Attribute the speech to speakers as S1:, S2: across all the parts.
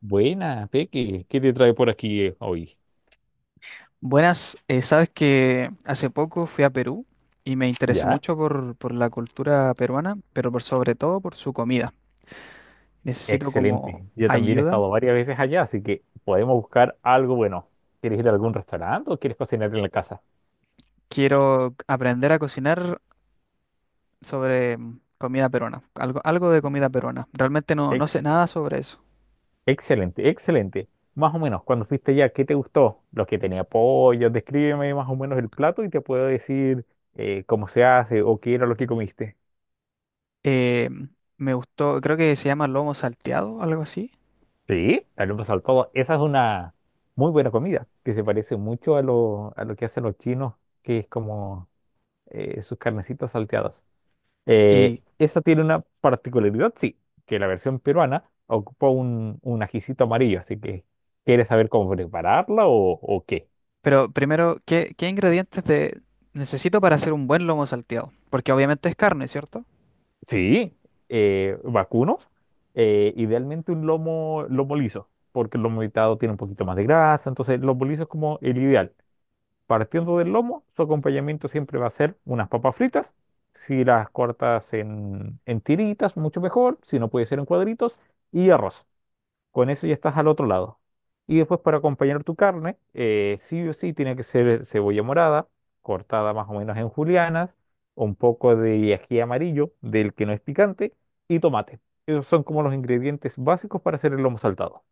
S1: Buena, Peque, ¿qué te trae por aquí hoy?
S2: Buenas, sabes que hace poco fui a Perú y me interesé
S1: ¿Ya?
S2: mucho por la cultura peruana, pero por sobre todo por su comida. Necesito como
S1: Excelente. Yo también he
S2: ayuda.
S1: estado varias veces allá, así que podemos buscar algo bueno. ¿Quieres ir a algún restaurante o quieres cocinar en la casa?
S2: Quiero aprender a cocinar sobre comida peruana, algo de comida peruana. Realmente no
S1: Ex-
S2: sé nada sobre eso.
S1: excelente, excelente. Más o menos, cuando fuiste allá, ¿qué te gustó? Los que tenía pollo, descríbeme más o menos el plato y te puedo decir cómo se hace o qué era lo que comiste.
S2: Eh, Me gustó, creo que se llama lomo salteado, algo así.
S1: Sí, tal al todo. Esa es una muy buena comida que se parece mucho a lo que hacen los chinos, que es como sus carnecitas salteadas.
S2: Y,
S1: Esa tiene una particularidad, sí, que la versión peruana ocupa un ajicito amarillo, así que ¿quieres saber cómo prepararla o qué?
S2: pero primero, ¿ qué ingredientes necesito para hacer un buen lomo salteado? Porque obviamente es carne, ¿cierto?
S1: Sí, vacuno, idealmente un lomo liso, porque el lomo evitado tiene un poquito más de grasa, entonces el lomo liso es como el ideal. Partiendo del lomo, su acompañamiento siempre va a ser unas papas fritas. Si las cortas en tiritas, mucho mejor. Si no puede ser en cuadritos. Y arroz. Con eso ya estás al otro lado. Y después para acompañar tu carne, sí o sí tiene que ser cebolla morada, cortada más o menos en julianas, un poco de ají amarillo, del que no es picante, y tomate. Esos son como los ingredientes básicos para hacer el lomo saltado.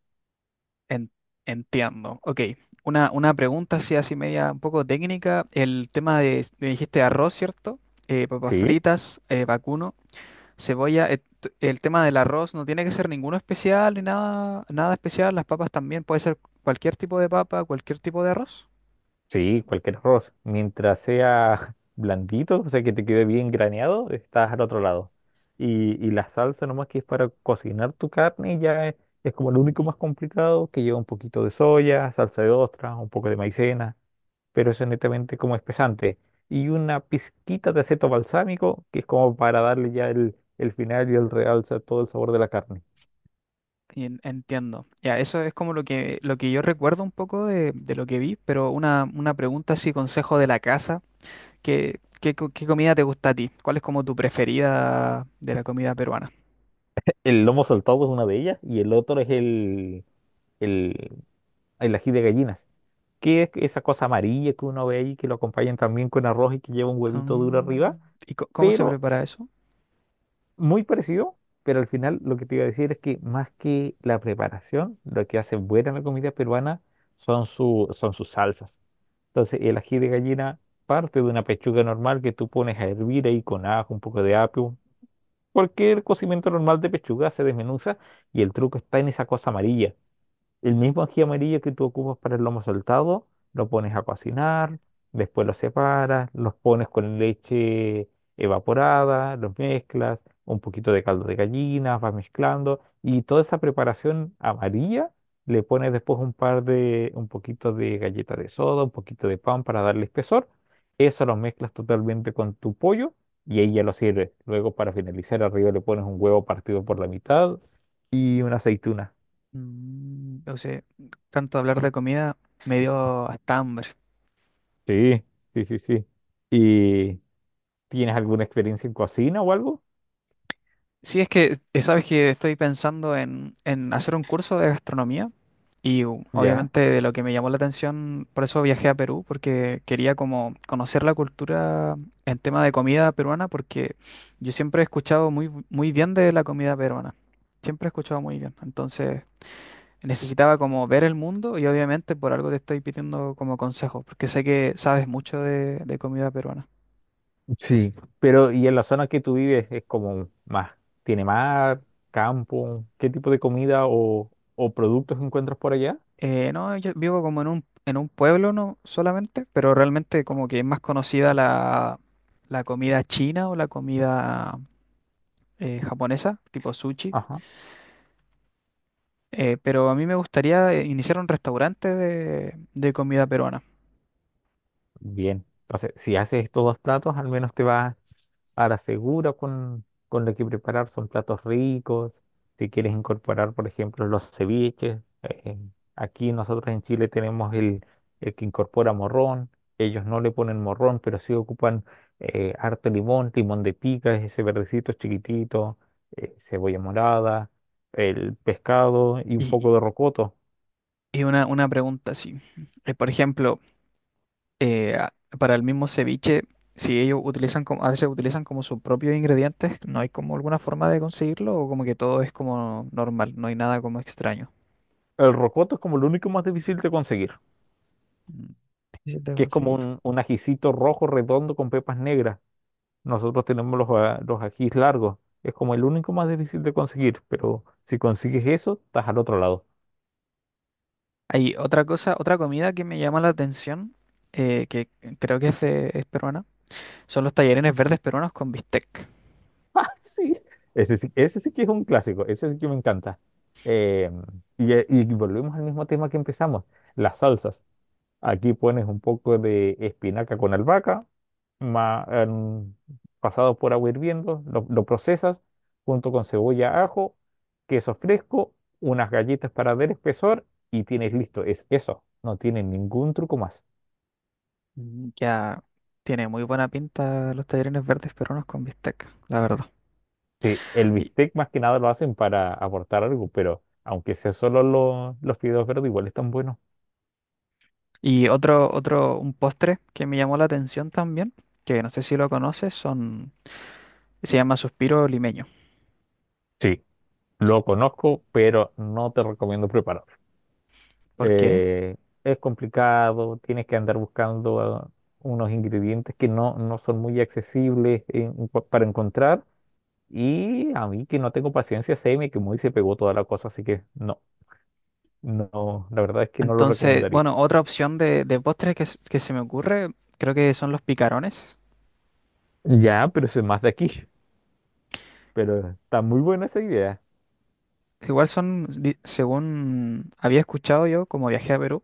S2: En- entiendo. Ok. Una pregunta así, así media un poco técnica. El tema de, me dijiste arroz, ¿cierto? Papas
S1: Sí.
S2: fritas, vacuno, cebolla. El tema del arroz no tiene que ser ninguno especial ni nada especial. Las papas también puede ser cualquier tipo de papa, cualquier tipo de arroz.
S1: Sí, cualquier arroz. Mientras sea blandito, o sea, que te quede bien graneado, estás al otro lado. Y la salsa nomás que es para cocinar tu carne ya es como lo único más complicado, que lleva un poquito de soya, salsa de ostras, un poco de maicena, pero eso es netamente como espesante. Y una pizquita de aceto balsámico, que es como para darle ya el final y el realza a todo el sabor de la carne.
S2: Entiendo. Ya, eso es como lo lo que yo recuerdo un poco de lo que vi, pero una pregunta así, consejo de la casa. ¿ Qué comida te gusta a ti? ¿Cuál es como tu preferida de la comida peruana?
S1: El lomo saltado es una de ellas y el otro es el ají de gallinas, que es esa cosa amarilla que uno ve ahí, que lo acompañan también con arroz y que lleva un huevito duro
S2: Mm,
S1: arriba,
S2: ¿y cómo se
S1: pero
S2: prepara eso?
S1: muy parecido, pero al final lo que te iba a decir es que más que la preparación, lo que hace buena la comida peruana son sus salsas. Entonces el ají de gallina parte de una pechuga normal que tú pones a hervir ahí con ajo, un poco de apio. Cualquier cocimiento normal de pechuga se desmenuza y el truco está en esa cosa amarilla, el mismo ají amarillo que tú ocupas para el lomo saltado, lo pones a cocinar, después lo separas, los pones con leche evaporada, los mezclas, un poquito de caldo de gallina, vas mezclando y toda esa preparación amarilla le pones después un poquito de galleta de soda, un poquito de pan para darle espesor. Eso lo mezclas totalmente con tu pollo y ahí ya lo sirves. Luego para finalizar arriba le pones un huevo partido por la mitad y una aceituna.
S2: Mm, o sea, tanto hablar de comida me dio hasta hambre.
S1: Sí, sí, sí, sí. ¿Y tienes alguna experiencia en cocina o algo?
S2: Sí, es que sabes que estoy pensando en hacer un curso de gastronomía y
S1: Ya.
S2: obviamente de lo que me llamó la atención, por eso viajé a Perú, porque quería como conocer la cultura en tema de comida peruana, porque yo siempre he escuchado muy bien de la comida peruana. Siempre he escuchado muy bien. Entonces, necesitaba como ver el mundo y obviamente por algo te estoy pidiendo como consejo, porque sé que sabes mucho de comida peruana.
S1: Sí. Pero, ¿y en la zona que tú vives es como más, tiene mar, campo? ¿Qué tipo de comida o productos encuentras por allá?
S2: No, yo vivo como en en un pueblo no solamente, pero realmente como que es más conocida la comida china o la comida japonesa, tipo sushi.
S1: Ajá.
S2: Pero a mí me gustaría iniciar un restaurante de comida peruana.
S1: Bien. Entonces, si haces estos dos platos, al menos te vas a la segura con lo que preparar, son platos ricos. Si quieres incorporar, por ejemplo, los ceviches, aquí nosotros en Chile tenemos el que incorpora morrón, ellos no le ponen morrón, pero sí ocupan harto limón, limón de pica, ese verdecito chiquitito, cebolla morada, el pescado y un
S2: Y,
S1: poco de rocoto.
S2: una pregunta así. Por ejemplo, eh, a- para el mismo ceviche, si ellos utilizan como, a veces utilizan como sus propios ingredientes, ¿no hay como alguna forma de conseguirlo o como que todo es como normal, no hay nada como extraño?
S1: El rocoto es como lo único más difícil de conseguir,
S2: Mm, difícil de
S1: que es como
S2: conseguir.
S1: un ajicito rojo redondo con pepas negras. Nosotros tenemos los ajís largos. Es como el único más difícil de conseguir, pero si consigues eso, estás al otro lado.
S2: Hay otra cosa, otra comida que me llama la atención, que creo que es peruana, son los tallarines verdes peruanos con bistec.
S1: Ah, sí. Ese sí, ese sí que es un clásico, ese sí que me encanta. Eh, y volvemos al mismo tema que empezamos, las salsas. Aquí pones un poco de espinaca con albahaca, ma- en- pasado por agua hirviendo, lo procesas junto con cebolla, ajo, queso fresco, unas galletas para dar espesor y tienes listo. Es eso, no tiene ningún truco más.
S2: Mm, ya tiene muy buena pinta los tallarines verdes peruanos con bistec, la verdad.
S1: Sí, el bistec más que nada lo hacen para aportar algo, pero aunque sea solo los fideos verdes, igual están buenos.
S2: Y otro, un postre que me llamó la atención también, que no sé si lo conoces, se llama suspiro limeño.
S1: Sí, lo conozco, pero no te recomiendo prepararlo.
S2: ¿Por qué?
S1: eh, es complicado, tienes que andar buscando unos ingredientes que no, no son muy accesibles para encontrar. Y a mí que no tengo paciencia, se me quemó y se pegó toda la cosa, así que no, no, la verdad es que no lo
S2: Entonces,
S1: recomendaría.
S2: bueno, otra opción de postre que se me ocurre, creo que son los picarones.
S1: Ya, pero eso es más de aquí. Pero está muy buena esa idea.
S2: Igual son, según había escuchado yo, como viajé a Perú,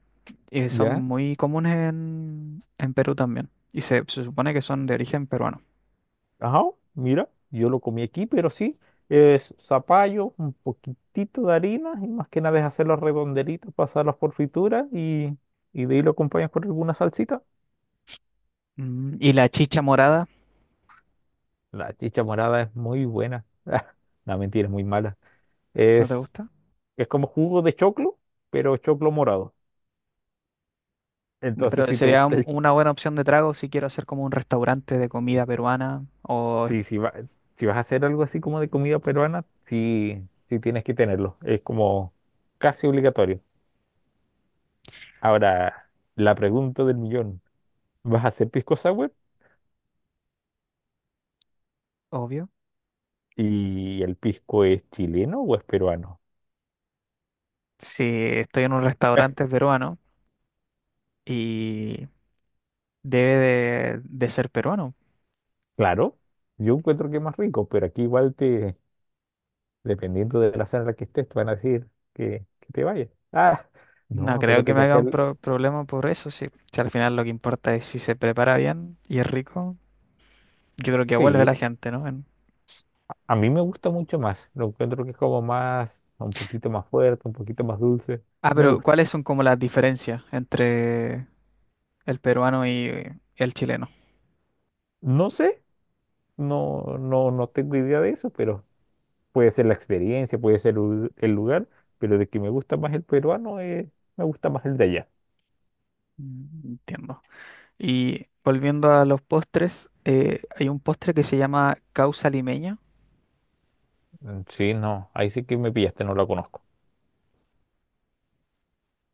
S2: y son
S1: ¿Ya?
S2: muy comunes en Perú también. Y se supone que son de origen peruano.
S1: Ajá, mira, yo lo comí aquí, pero sí, es zapallo, un poquitito de harina y más que nada es hacer los redondelitos, pasarlos por fritura y de ahí lo acompañas con alguna salsita.
S2: Mm, ¿y la chicha morada?
S1: La chicha morada es muy buena. No, mentira, es muy mala.
S2: ¿No te
S1: Es,
S2: gusta?
S1: es como jugo de choclo, pero choclo morado. Entonces,
S2: Pero
S1: si te
S2: sería
S1: gusta el...
S2: una buena opción de trago si quiero hacer como un restaurante de comida peruana, o
S1: Sí, si vas a hacer algo así como de comida peruana, sí, sí tienes que tenerlo. Es como casi obligatorio. Ahora, la pregunta del millón. ¿Vas a hacer pisco sour?
S2: obvio.
S1: ¿Y el pisco es chileno o es peruano?
S2: Si estoy en un
S1: Eh,
S2: restaurante peruano y debe de ser peruano.
S1: Claro, yo encuentro que es más rico, pero aquí igual te, dependiendo de la zona en la que estés, te van a decir que te vayas. Ah, no,
S2: No creo que
S1: acuérdate
S2: me
S1: que
S2: haga
S1: acá,
S2: un problema por eso, sí. Si al final lo que importa es si se prepara bien y es rico, yo creo que vuelve
S1: sí,
S2: la gente, ¿no? En...
S1: a mí me gusta mucho más. Lo encuentro que es como más, un poquito más fuerte, un poquito más dulce.
S2: Ah,
S1: Me
S2: pero
S1: gusta.
S2: ¿cuáles son como las diferencias entre el peruano y el chileno?
S1: No sé, no, no, no tengo idea de eso, pero puede ser la experiencia, puede ser el lugar, pero de que me gusta más el peruano, me gusta más el de allá.
S2: Mm, entiendo. Y volviendo a los postres, hay un postre que se llama causa limeña.
S1: Mm, sí, no, ahí sí que me pillaste, no la conozco.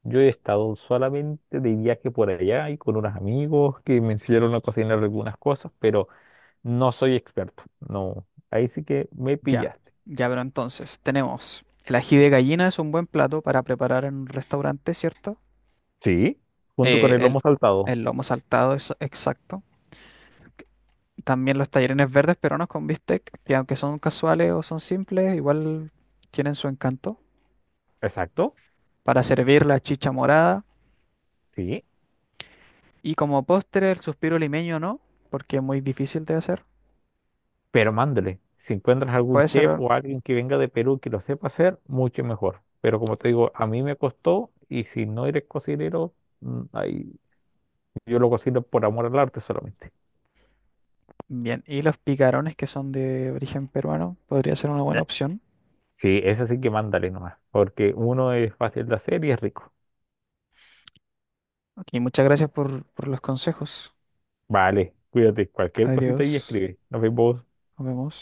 S1: Yo he estado solamente de viaje por allá y con unos amigos que me enseñaron a cocinar algunas cosas, pero no soy experto. No, ahí sí que me
S2: Ya,
S1: pillaste.
S2: ya, pero entonces tenemos el ají de gallina es un buen plato para preparar en un restaurante, ¿cierto?
S1: Sí, junto con
S2: Eh,
S1: el
S2: el,
S1: lomo saltado.
S2: el lomo saltado es exacto. También los tallarines verdes peruanos con bistec, que aunque son casuales o son simples, igual tienen su encanto.
S1: Exacto,
S2: Para servir la chicha morada.
S1: sí,
S2: Y como postre, el suspiro limeño no, porque es muy difícil de hacer.
S1: pero mándale. Si encuentras algún
S2: Puede
S1: chef
S2: ser.
S1: o alguien que venga de Perú que lo sepa hacer, mucho mejor. Pero como te digo, a mí me costó y si no eres cocinero, mm, ahí yo lo cocino por amor al arte solamente.
S2: Bien, y los picarones que son de origen peruano podría ser una buena opción.
S1: Sí, esa sí que mándale nomás, porque uno es fácil de hacer y es rico.
S2: Ok, muchas gracias por los consejos.
S1: Vale, cuídate, cualquier cosita y
S2: Adiós.
S1: escribe. Nos vemos.
S2: Nos vemos.